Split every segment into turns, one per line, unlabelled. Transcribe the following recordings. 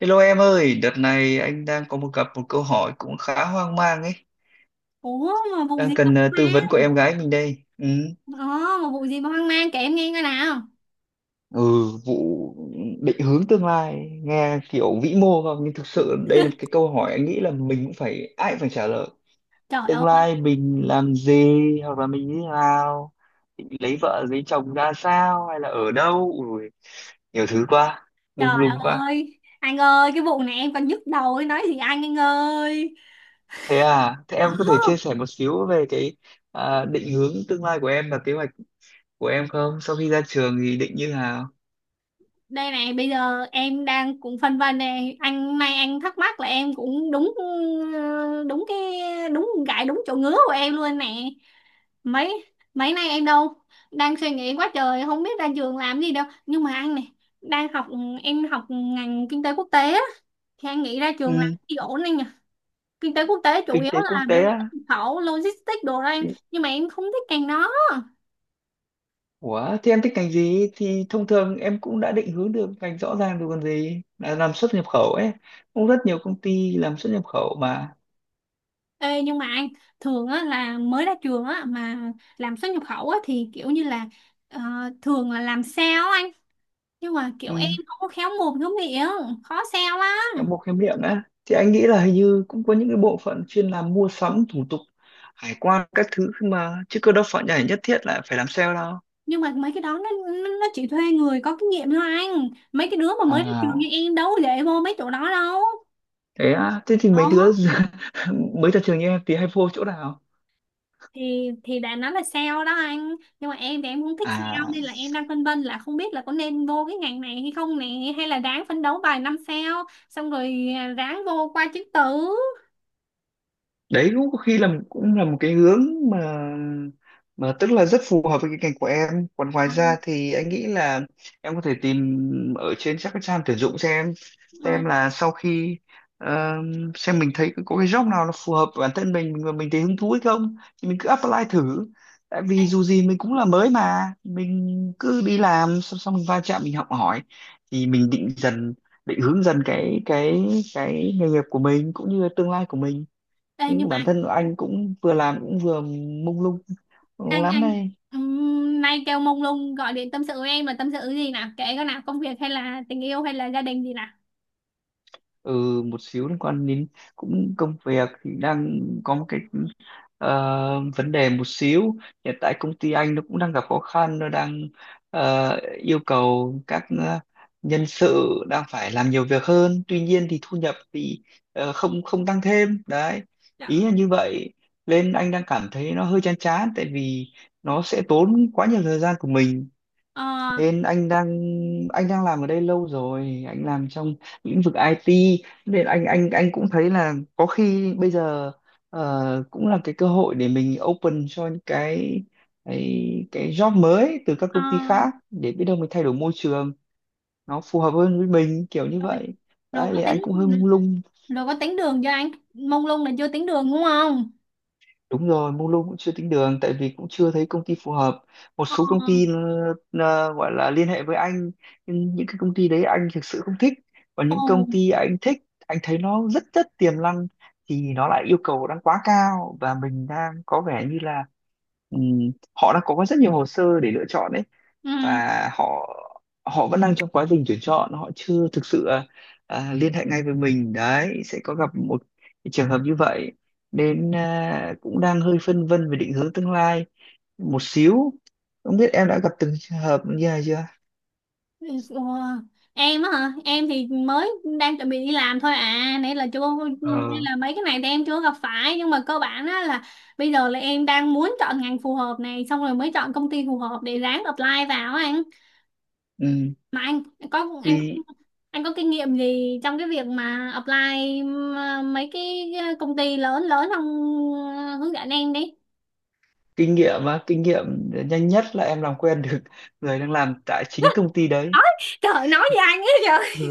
Hello em ơi, đợt này anh đang có gặp một câu hỏi cũng khá hoang mang ấy,
Ủa mà vụ
đang
gì mà
cần tư
hoang
vấn của
mang?
em gái mình đây. Ừ.
Ờ mà vụ gì mà hoang mang kể em nghe coi nào?
ừ vụ định hướng tương lai nghe kiểu vĩ mô không, nhưng thực sự đây là một cái câu hỏi anh nghĩ là mình cũng phải ai cũng phải trả lời.
Trời
Tương
ơi
lai mình làm gì, hoặc là mình như thế nào, định lấy vợ lấy chồng ra sao, hay là ở đâu. Ui, nhiều thứ quá, lung
trời
lung quá.
ơi anh ơi, cái vụ này em còn nhức đầu ấy. Nói gì anh ơi.
Thế à, thế
Ờ
em có thể chia sẻ một xíu về cái định hướng tương lai của em và kế hoạch của em không? Sau khi ra trường thì định như nào?
Đây này, bây giờ em đang cũng phân vân này. Anh nay anh thắc mắc là em cũng đúng, đúng cái gãi đúng chỗ ngứa của em luôn nè. Mấy mấy nay em đâu đang suy nghĩ quá trời, không biết ra trường làm gì đâu. Nhưng mà anh này, đang học, em học ngành kinh tế quốc tế á, thì anh nghĩ ra trường làm
Ừ,
gì ổn anh nhỉ? Kinh tế quốc tế chủ
kinh
yếu
tế quốc
là về
tế á.
xuất khẩu logistics đồ đó anh,
Thì
nhưng mà em không thích ngành đó.
Ủa, thế em thích ngành gì? Thì thông thường em cũng đã định hướng được ngành rõ ràng rồi còn gì. Là làm xuất nhập khẩu ấy. Cũng rất nhiều công ty làm xuất nhập khẩu mà.
Ê, nhưng mà anh, thường á, là mới ra trường á, mà làm xuất nhập khẩu á, thì kiểu như là, ờ, thường là làm sale á anh, nhưng mà kiểu
Ừ.
em không có khéo mồm khéo miệng, khó sale
Trong
lắm.
bộ khám nghiệm á. Thì anh nghĩ là hình như cũng có những cái bộ phận chuyên làm mua sắm, thủ tục, hải quan, các thứ mà. Chứ cơ đâu phải nhảy nhất thiết là phải làm sale đâu.
Nhưng mà mấy cái đó nó chỉ thuê người có kinh nghiệm thôi anh, mấy cái đứa mà mới ra trường như
À,
em đâu để vô mấy chỗ đó đâu.
thế á, thế thì
Ờ,
mấy đứa mới ra trường như em thì hay vô chỗ nào?
thì đã nói là sale đó anh, nhưng mà em thì em không thích sale,
À,
nên là em đang phân vân là không biết là có nên vô cái ngành này hay không này, hay là ráng phấn đấu vài năm sao xong rồi, ráng vô qua chứng tử.
đấy cũng có khi là một cái hướng mà tức là rất phù hợp với cái ngành của em. Còn ngoài
Ờ,
ra thì anh nghĩ là em có thể tìm ở trên các cái trang tuyển dụng,
ờ.
xem là sau khi ờ, xem mình thấy có cái job nào nó phù hợp với bản thân mình, mình thấy hứng thú hay không thì mình cứ apply thử. Tại
Ê,
vì dù gì mình cũng là mới, mà mình cứ đi làm, xong xong mình va chạm, mình học hỏi thì mình định dần, định hướng dần cái cái nghề nghiệp của mình cũng như là tương lai của mình.
ê, nhưng mà
Bản thân anh cũng vừa làm cũng vừa mông lung
anh
lắm
anh
đây.
nay kêu mông lung gọi điện tâm sự với em là tâm sự gì nào, kể cái nào, công việc hay là tình yêu hay là gia đình gì nào?
Ừ, một xíu liên quan đến cũng công việc thì đang có một cái vấn đề một xíu. Hiện tại công ty anh nó cũng đang gặp khó khăn, nó đang ờ, yêu cầu các nhân sự đang phải làm nhiều việc hơn, tuy nhiên thì thu nhập thì không không tăng thêm đấy, ý
Dạ.
là như vậy. Nên anh đang cảm thấy nó hơi chán chán, tại vì nó sẽ tốn quá nhiều thời gian của mình.
Ờ,
Nên anh đang Anh đang làm ở đây lâu rồi, anh làm trong lĩnh vực IT, nên anh anh cũng thấy là có khi bây giờ cũng là cái cơ hội để mình open cho những cái cái job mới từ các
ờ,
công ty khác, để biết đâu mình thay đổi môi trường nó phù hợp hơn với mình, kiểu như
rồi,
vậy.
rồi
Đấy, thì
có
anh
tính
cũng hơi mông lung.
rồi có tính đường cho anh, mông lung là chưa tính đường đúng không?
Đúng rồi, mông lung cũng chưa tính đường tại vì cũng chưa thấy công ty phù hợp. Một
Ờ,
số công ty gọi là liên hệ với anh, nhưng những cái công ty đấy anh thực sự không thích. Còn những công
ồ.
ty anh thích, anh thấy nó rất rất tiềm năng, thì nó lại yêu cầu đang quá cao và mình đang có vẻ như là họ đã có rất nhiều hồ sơ để lựa chọn đấy,
Ừ.
và họ họ vẫn đang trong quá trình tuyển chọn, họ chưa thực sự liên hệ ngay với mình đấy, sẽ có gặp một cái trường hợp như vậy. Nên cũng đang hơi phân vân về định hướng tương lai một xíu, không biết em đã gặp từng trường hợp như này chưa.
Ủa, em á hả? Em thì mới đang chuẩn bị đi làm thôi à, nãy là chưa, nên
Ờ.
là mấy cái này thì em chưa gặp phải, nhưng mà cơ bản á là bây giờ là em đang muốn chọn ngành phù hợp này xong rồi mới chọn công ty phù hợp để ráng apply vào á anh.
Ừ.
Mà anh có anh có
Thì
anh có kinh nghiệm gì trong cái việc mà apply mấy cái công ty lớn lớn không? Ờ, hướng dẫn em đi.
kinh nghiệm á, kinh nghiệm nhanh nhất là em làm quen được người đang làm tại chính công ty đấy.
Nói, trời ơi, nói với anh ấy trời.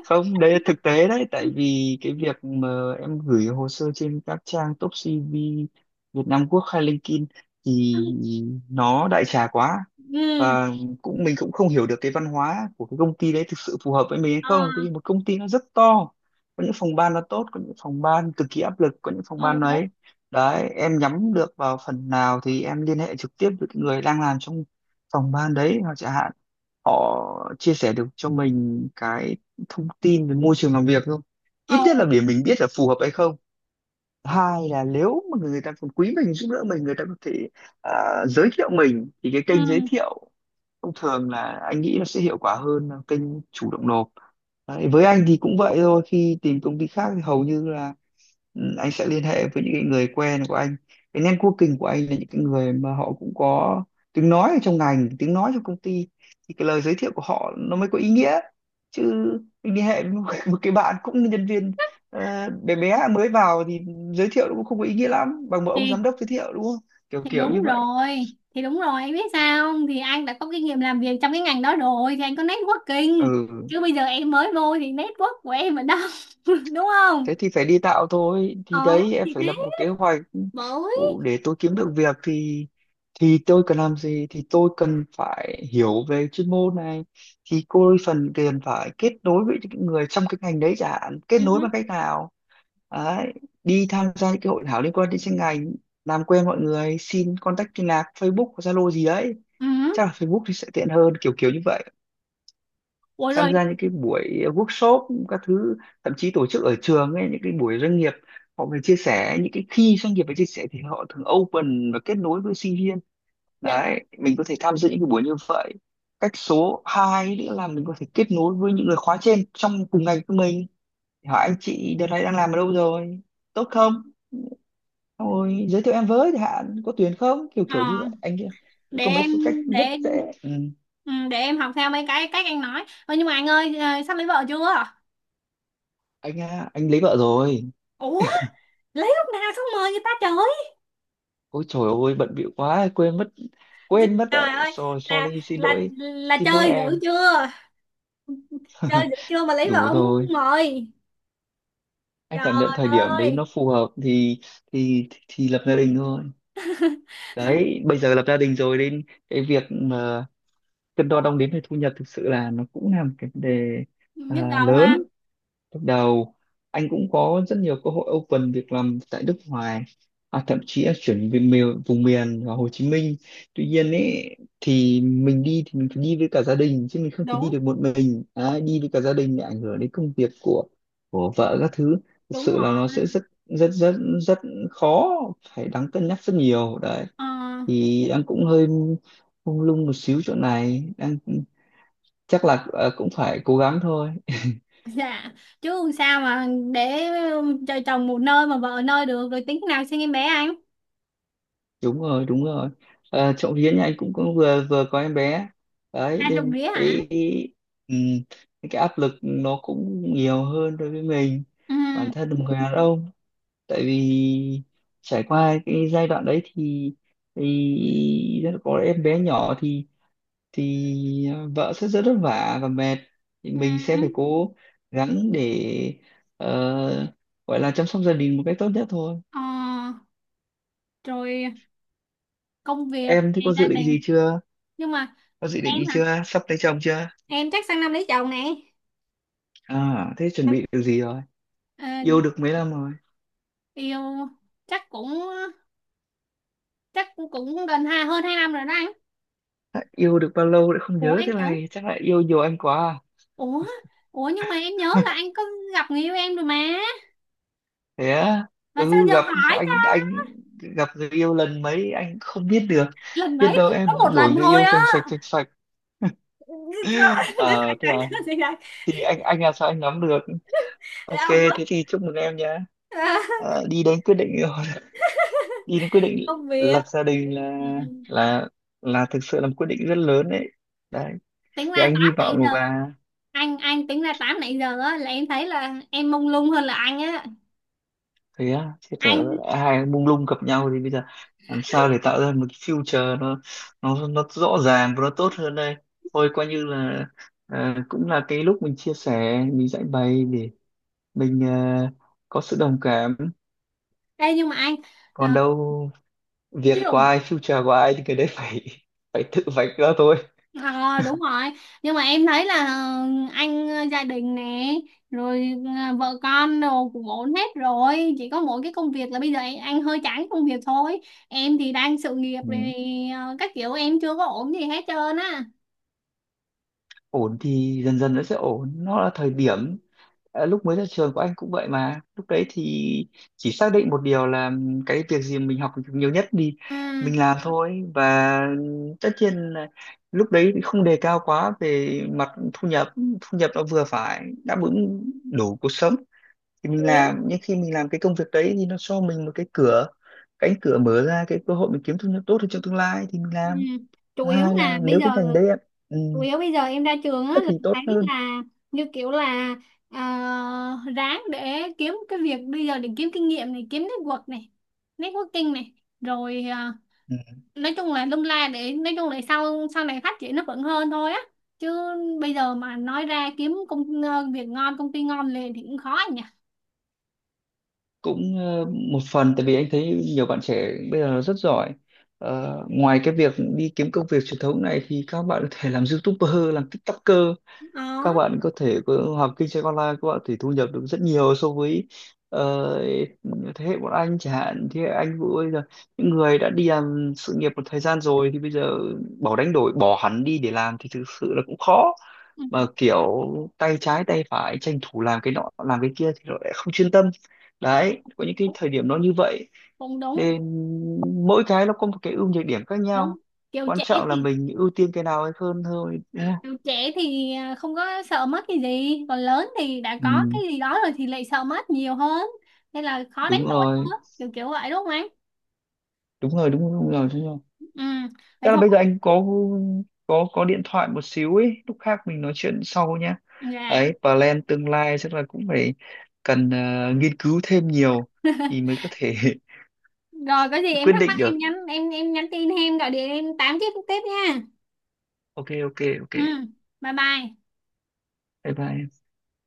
Không, đấy là thực tế đấy, tại vì cái việc mà em gửi hồ sơ trên các trang top CV Việt Nam Quốc hay LinkedIn thì nó đại trà quá.
Ừ.
Và mình cũng không hiểu được cái văn hóa của cái công ty đấy thực sự phù hợp với mình hay
Ờ.
không. Thì một công ty nó rất to, có những phòng ban nó tốt, có những phòng ban cực kỳ áp lực, có những phòng ban
Ồ.
ấy. Đấy, em nhắm được vào phần nào thì em liên hệ trực tiếp với cái người đang làm trong phòng ban đấy, hoặc chẳng hạn họ chia sẻ được cho mình cái thông tin về môi trường làm việc không, ít nhất là
Ồ.
để mình biết là phù hợp hay không. Hai là nếu mà người ta còn quý mình, giúp đỡ mình, người ta có thể à, giới thiệu mình, thì cái
Ừ.
kênh giới thiệu thông thường là anh nghĩ nó sẽ hiệu quả hơn là kênh chủ động nộp. Đấy, với anh thì cũng vậy thôi, khi tìm công ty khác thì hầu như là ừ, anh sẽ liên hệ với những cái người quen của anh, cái networking của anh là những cái người mà họ cũng có tiếng nói ở trong ngành, tiếng nói trong công ty, thì cái lời giới thiệu của họ nó mới có ý nghĩa. Chứ mình liên hệ với một, một cái bạn cũng là nhân viên bé bé mới vào thì giới thiệu nó cũng không có ý nghĩa lắm bằng một ông giám
thì
đốc giới thiệu, đúng không, kiểu
thì
kiểu như
đúng
vậy.
rồi, đúng rồi anh biết sao không, thì anh đã có kinh nghiệm làm việc trong cái ngành đó rồi thì anh có networking,
Ừ,
chứ bây giờ em mới vô thì network của em ở đâu? Đúng
thế
không?
thì phải đi tạo thôi. Thì
Ờ,
đấy, em phải
thế
lập một kế hoạch
mới.
để tôi kiếm được việc thì tôi cần làm gì, thì tôi cần phải hiểu về chuyên môn này, thì cô phần tiền phải kết nối với những người trong cái ngành đấy, chẳng hạn kết
Ừ.
nối bằng cách nào đấy. Đi tham gia những cái hội thảo liên quan đến chuyên ngành, làm quen mọi người, xin contact liên lạc, Facebook Zalo gì đấy,
Ừ.
chắc là Facebook thì sẽ tiện hơn, kiểu kiểu như vậy.
Ủa
Tham
rồi.
gia những cái buổi workshop các thứ, thậm chí tổ chức ở trường ấy, những cái buổi doanh nghiệp họ về chia sẻ, những cái khi doanh nghiệp về chia sẻ thì họ thường open và kết nối với sinh viên,
Dạ.
đấy mình có thể tham dự những cái buổi như vậy. Cách số 2 nữa là mình có thể kết nối với những người khóa trên trong cùng ngành của mình, hỏi anh chị đợt này đang làm ở đâu rồi, tốt không. Xong rồi giới thiệu em với, thì hạn có tuyển không, kiểu
Ờ,
kiểu như vậy anh kia.
để
Có mấy
em
số cách
để
rất
em
dễ. Ừ.
ừ, để em học theo mấy cái cách anh nói. Ơ nhưng mà anh ơi, sắp lấy vợ chưa?
Anh lấy vợ rồi.
Ủa, lấy lúc nào xong mời người ta trời.
Ôi trời ơi bận bịu quá quên mất, quên mất
trời
đấy,
ơi
rồi
là
sorry, xin
là
lỗi,
là
xin lỗi
chơi dữ
em.
chưa? Chơi dữ chưa mà lấy vợ
Đủ
không
rồi,
mời.
anh cảm nhận thời
Trời
điểm đấy
ơi,
nó phù hợp thì thì lập gia đình thôi. Đấy, bây giờ lập gia đình rồi, đến cái việc mà cân đo đong đếm về thu nhập thực sự là nó cũng là một cái vấn đề
nhức đầu ha.
lớn. Lúc đầu anh cũng có rất nhiều cơ hội open việc làm tại nước ngoài, thậm chí là chuyển về miền, vào Hồ Chí Minh. Tuy nhiên ấy thì mình đi thì mình phải đi với cả gia đình chứ mình không thể đi
Đúng,
được một mình, à, đi với cả gia đình lại ảnh hưởng đến công việc của vợ các thứ. Thực
đúng
sự là nó
rồi.
sẽ rất rất rất rất khó, phải đáng cân nhắc rất nhiều đấy.
Ờ,
Thì đang cũng hơi mông lung một xíu chỗ này, đang chắc là cũng phải cố gắng thôi.
dạ, chứ sao mà để cho chồng một nơi mà vợ nơi? Được rồi tính nào sinh em bé anh?
Đúng rồi, đúng rồi, trộm vía nhà anh cũng, cũng vừa vừa có em bé
À
đấy,
trộm
nên
rĩa hả?
ừm, cái áp lực nó cũng nhiều hơn đối với mình,
Ừ,
bản thân một người đàn ông. Tại vì trải qua cái giai đoạn đấy thì có em bé nhỏ thì ờ, vợ sẽ rất vất vả và mệt, thì
ừ.
mình sẽ phải cố gắng để ờ, gọi là chăm sóc gia đình một cách tốt nhất thôi.
Ờ, rồi công việc
Em thì
ngày
có
gia
dự định gì
đình.
chưa?
Nhưng mà
Có dự định
em
gì
hả?
chưa, sắp lấy chồng chưa?
Em chắc sang năm lấy chồng nè.
À thế chuẩn bị điều gì rồi,
Ờ,
yêu được mấy năm rồi?
yêu chắc cũng chắc cũng cũng gần hai, hơn hai năm rồi đó anh.
À, yêu được bao lâu đã không
Ủa
nhớ
em
thế
tưởng,
này, chắc là yêu nhiều anh quá à?
ủa, ủa nhưng mà em nhớ là anh có gặp người yêu em rồi mà.
Thế á,
Mà sao
ừ
giờ
gặp
hỏi
anh
ta?
anh gặp người yêu lần mấy anh không biết được,
Lần
biết
mấy,
đâu
có
em
một
đổi
lần
người
thôi
yêu
á.
sành sạch sạch sạch
Để
Ờ
sẵn
thế
sàng,
là
để sẵn,
thì anh là sao anh nắm được.
để
Ok,
ông bớt.
thế thì chúc mừng em nhá,
À,
ờ, đi đến quyết định rồi. Đi đến quyết định
công việc.
lập gia đình là
Ừ, ừ.
là là thực sự là một quyết định rất lớn đấy. Đấy
Tính ra
thì anh hy
8 nãy
vọng
giờ,
là
anh tính ra 8 nãy giờ á là em thấy là em mông lung hơn là anh á.
Thế á, thế tớ
Anh,
hai mông lung gặp nhau thì bây giờ làm sao để tạo ra một cái future nó nó rõ ràng và nó tốt hơn đây. Thôi coi như là ờ, cũng là cái lúc mình chia sẻ, mình giải bày để mình có sự đồng cảm,
ê nhưng mà anh, ờ,
còn đâu việc
ví
của
dụ.
ai, future của ai, thì cái đấy phải phải tự vạch ra thôi.
Ờ đúng rồi, nhưng mà em thấy là anh gia đình nè, rồi vợ con đồ cũng ổn hết rồi, chỉ có mỗi cái công việc là bây giờ anh hơi chán công việc thôi. Em thì đang sự nghiệp rồi,
Ừ.
các kiểu em chưa có ổn gì hết trơn á.
Ổn thì dần dần nó sẽ ổn, nó là thời điểm. Ờ, lúc mới ra trường của anh cũng vậy mà, lúc đấy thì chỉ xác định một điều là cái việc gì mình học được nhiều nhất thì
Ừ,
mình làm thôi. Và tất nhiên là lúc đấy không đề cao quá về mặt thu nhập, thu nhập nó vừa phải, đáp ứng đủ cuộc sống thì
chủ
mình
yếu
làm. Nhưng khi mình làm cái công việc đấy thì nó cho mình một cái cửa cánh cửa mở ra cái cơ hội mình kiếm thu nhập tốt hơn trong tương lai thì mình
ừ,
làm.
chủ
Thứ
yếu
hai
là
là
bây
nếu cái ngành
giờ
đấy em, ừ,
chủ yếu bây giờ em ra trường á là
thì tốt
thấy
hơn.
là, như kiểu là, ờ, ráng để kiếm cái việc bây giờ để kiếm kinh nghiệm này, kiếm network networking này, rồi nói chung là lung la, để nói chung là sau sau này phát triển nó vẫn hơn thôi á. Chứ bây giờ mà nói ra kiếm việc ngon công ty ngon liền thì cũng khó nhỉ?
Cũng một phần tại vì anh thấy nhiều bạn trẻ bây giờ rất giỏi. Ờ, ngoài cái việc đi kiếm công việc truyền thống này thì các bạn có thể làm YouTuber, làm TikToker, các
Đó.
bạn có thể học kinh doanh online, các bạn thì thu nhập được rất nhiều so với ờ, thế hệ bọn anh chẳng hạn, thế hệ anh Vũ bây giờ, những người đã đi làm sự nghiệp một thời gian rồi, thì bây giờ bỏ, đánh đổi bỏ hẳn đi để làm thì thực sự là cũng khó.
Ừ.
Mà kiểu tay trái tay phải tranh thủ làm cái nọ làm cái kia thì nó lại không chuyên tâm.
Ờ,
Đấy có những cái
đúng,
thời điểm nó như vậy,
cũng đúng.
nên mỗi cái nó có một cái ưu nhược điểm khác
Đúng,
nhau,
kiểu
quan
trẻ
trọng là
thì
mình ưu tiên cái nào hay hơn thôi, đúng không?
kiểu trẻ thì không có sợ mất cái gì, còn lớn thì đã có
Ừ,
cái gì đó rồi thì lại sợ mất nhiều hơn, nên là khó đánh
đúng
đổi
rồi,
hơn kiểu kiểu vậy đúng không anh?
đúng rồi, đúng rồi, đúng rồi, đúng rồi.
Ừ, vậy
Chắc là
thôi.
bây giờ anh có có điện thoại một xíu ấy, lúc khác mình nói chuyện sau nhá.
Dạ
Ấy plan tương lai chắc là cũng phải cần nghiên cứu thêm nhiều thì mới có thể
rồi có gì em
quyết
thắc mắc
định
em
được.
nhắn, em nhắn tin hay em gọi điện em tám tiếp tiếp nha.
Ok ok ok,
Ừ, bye bye.
bye bye.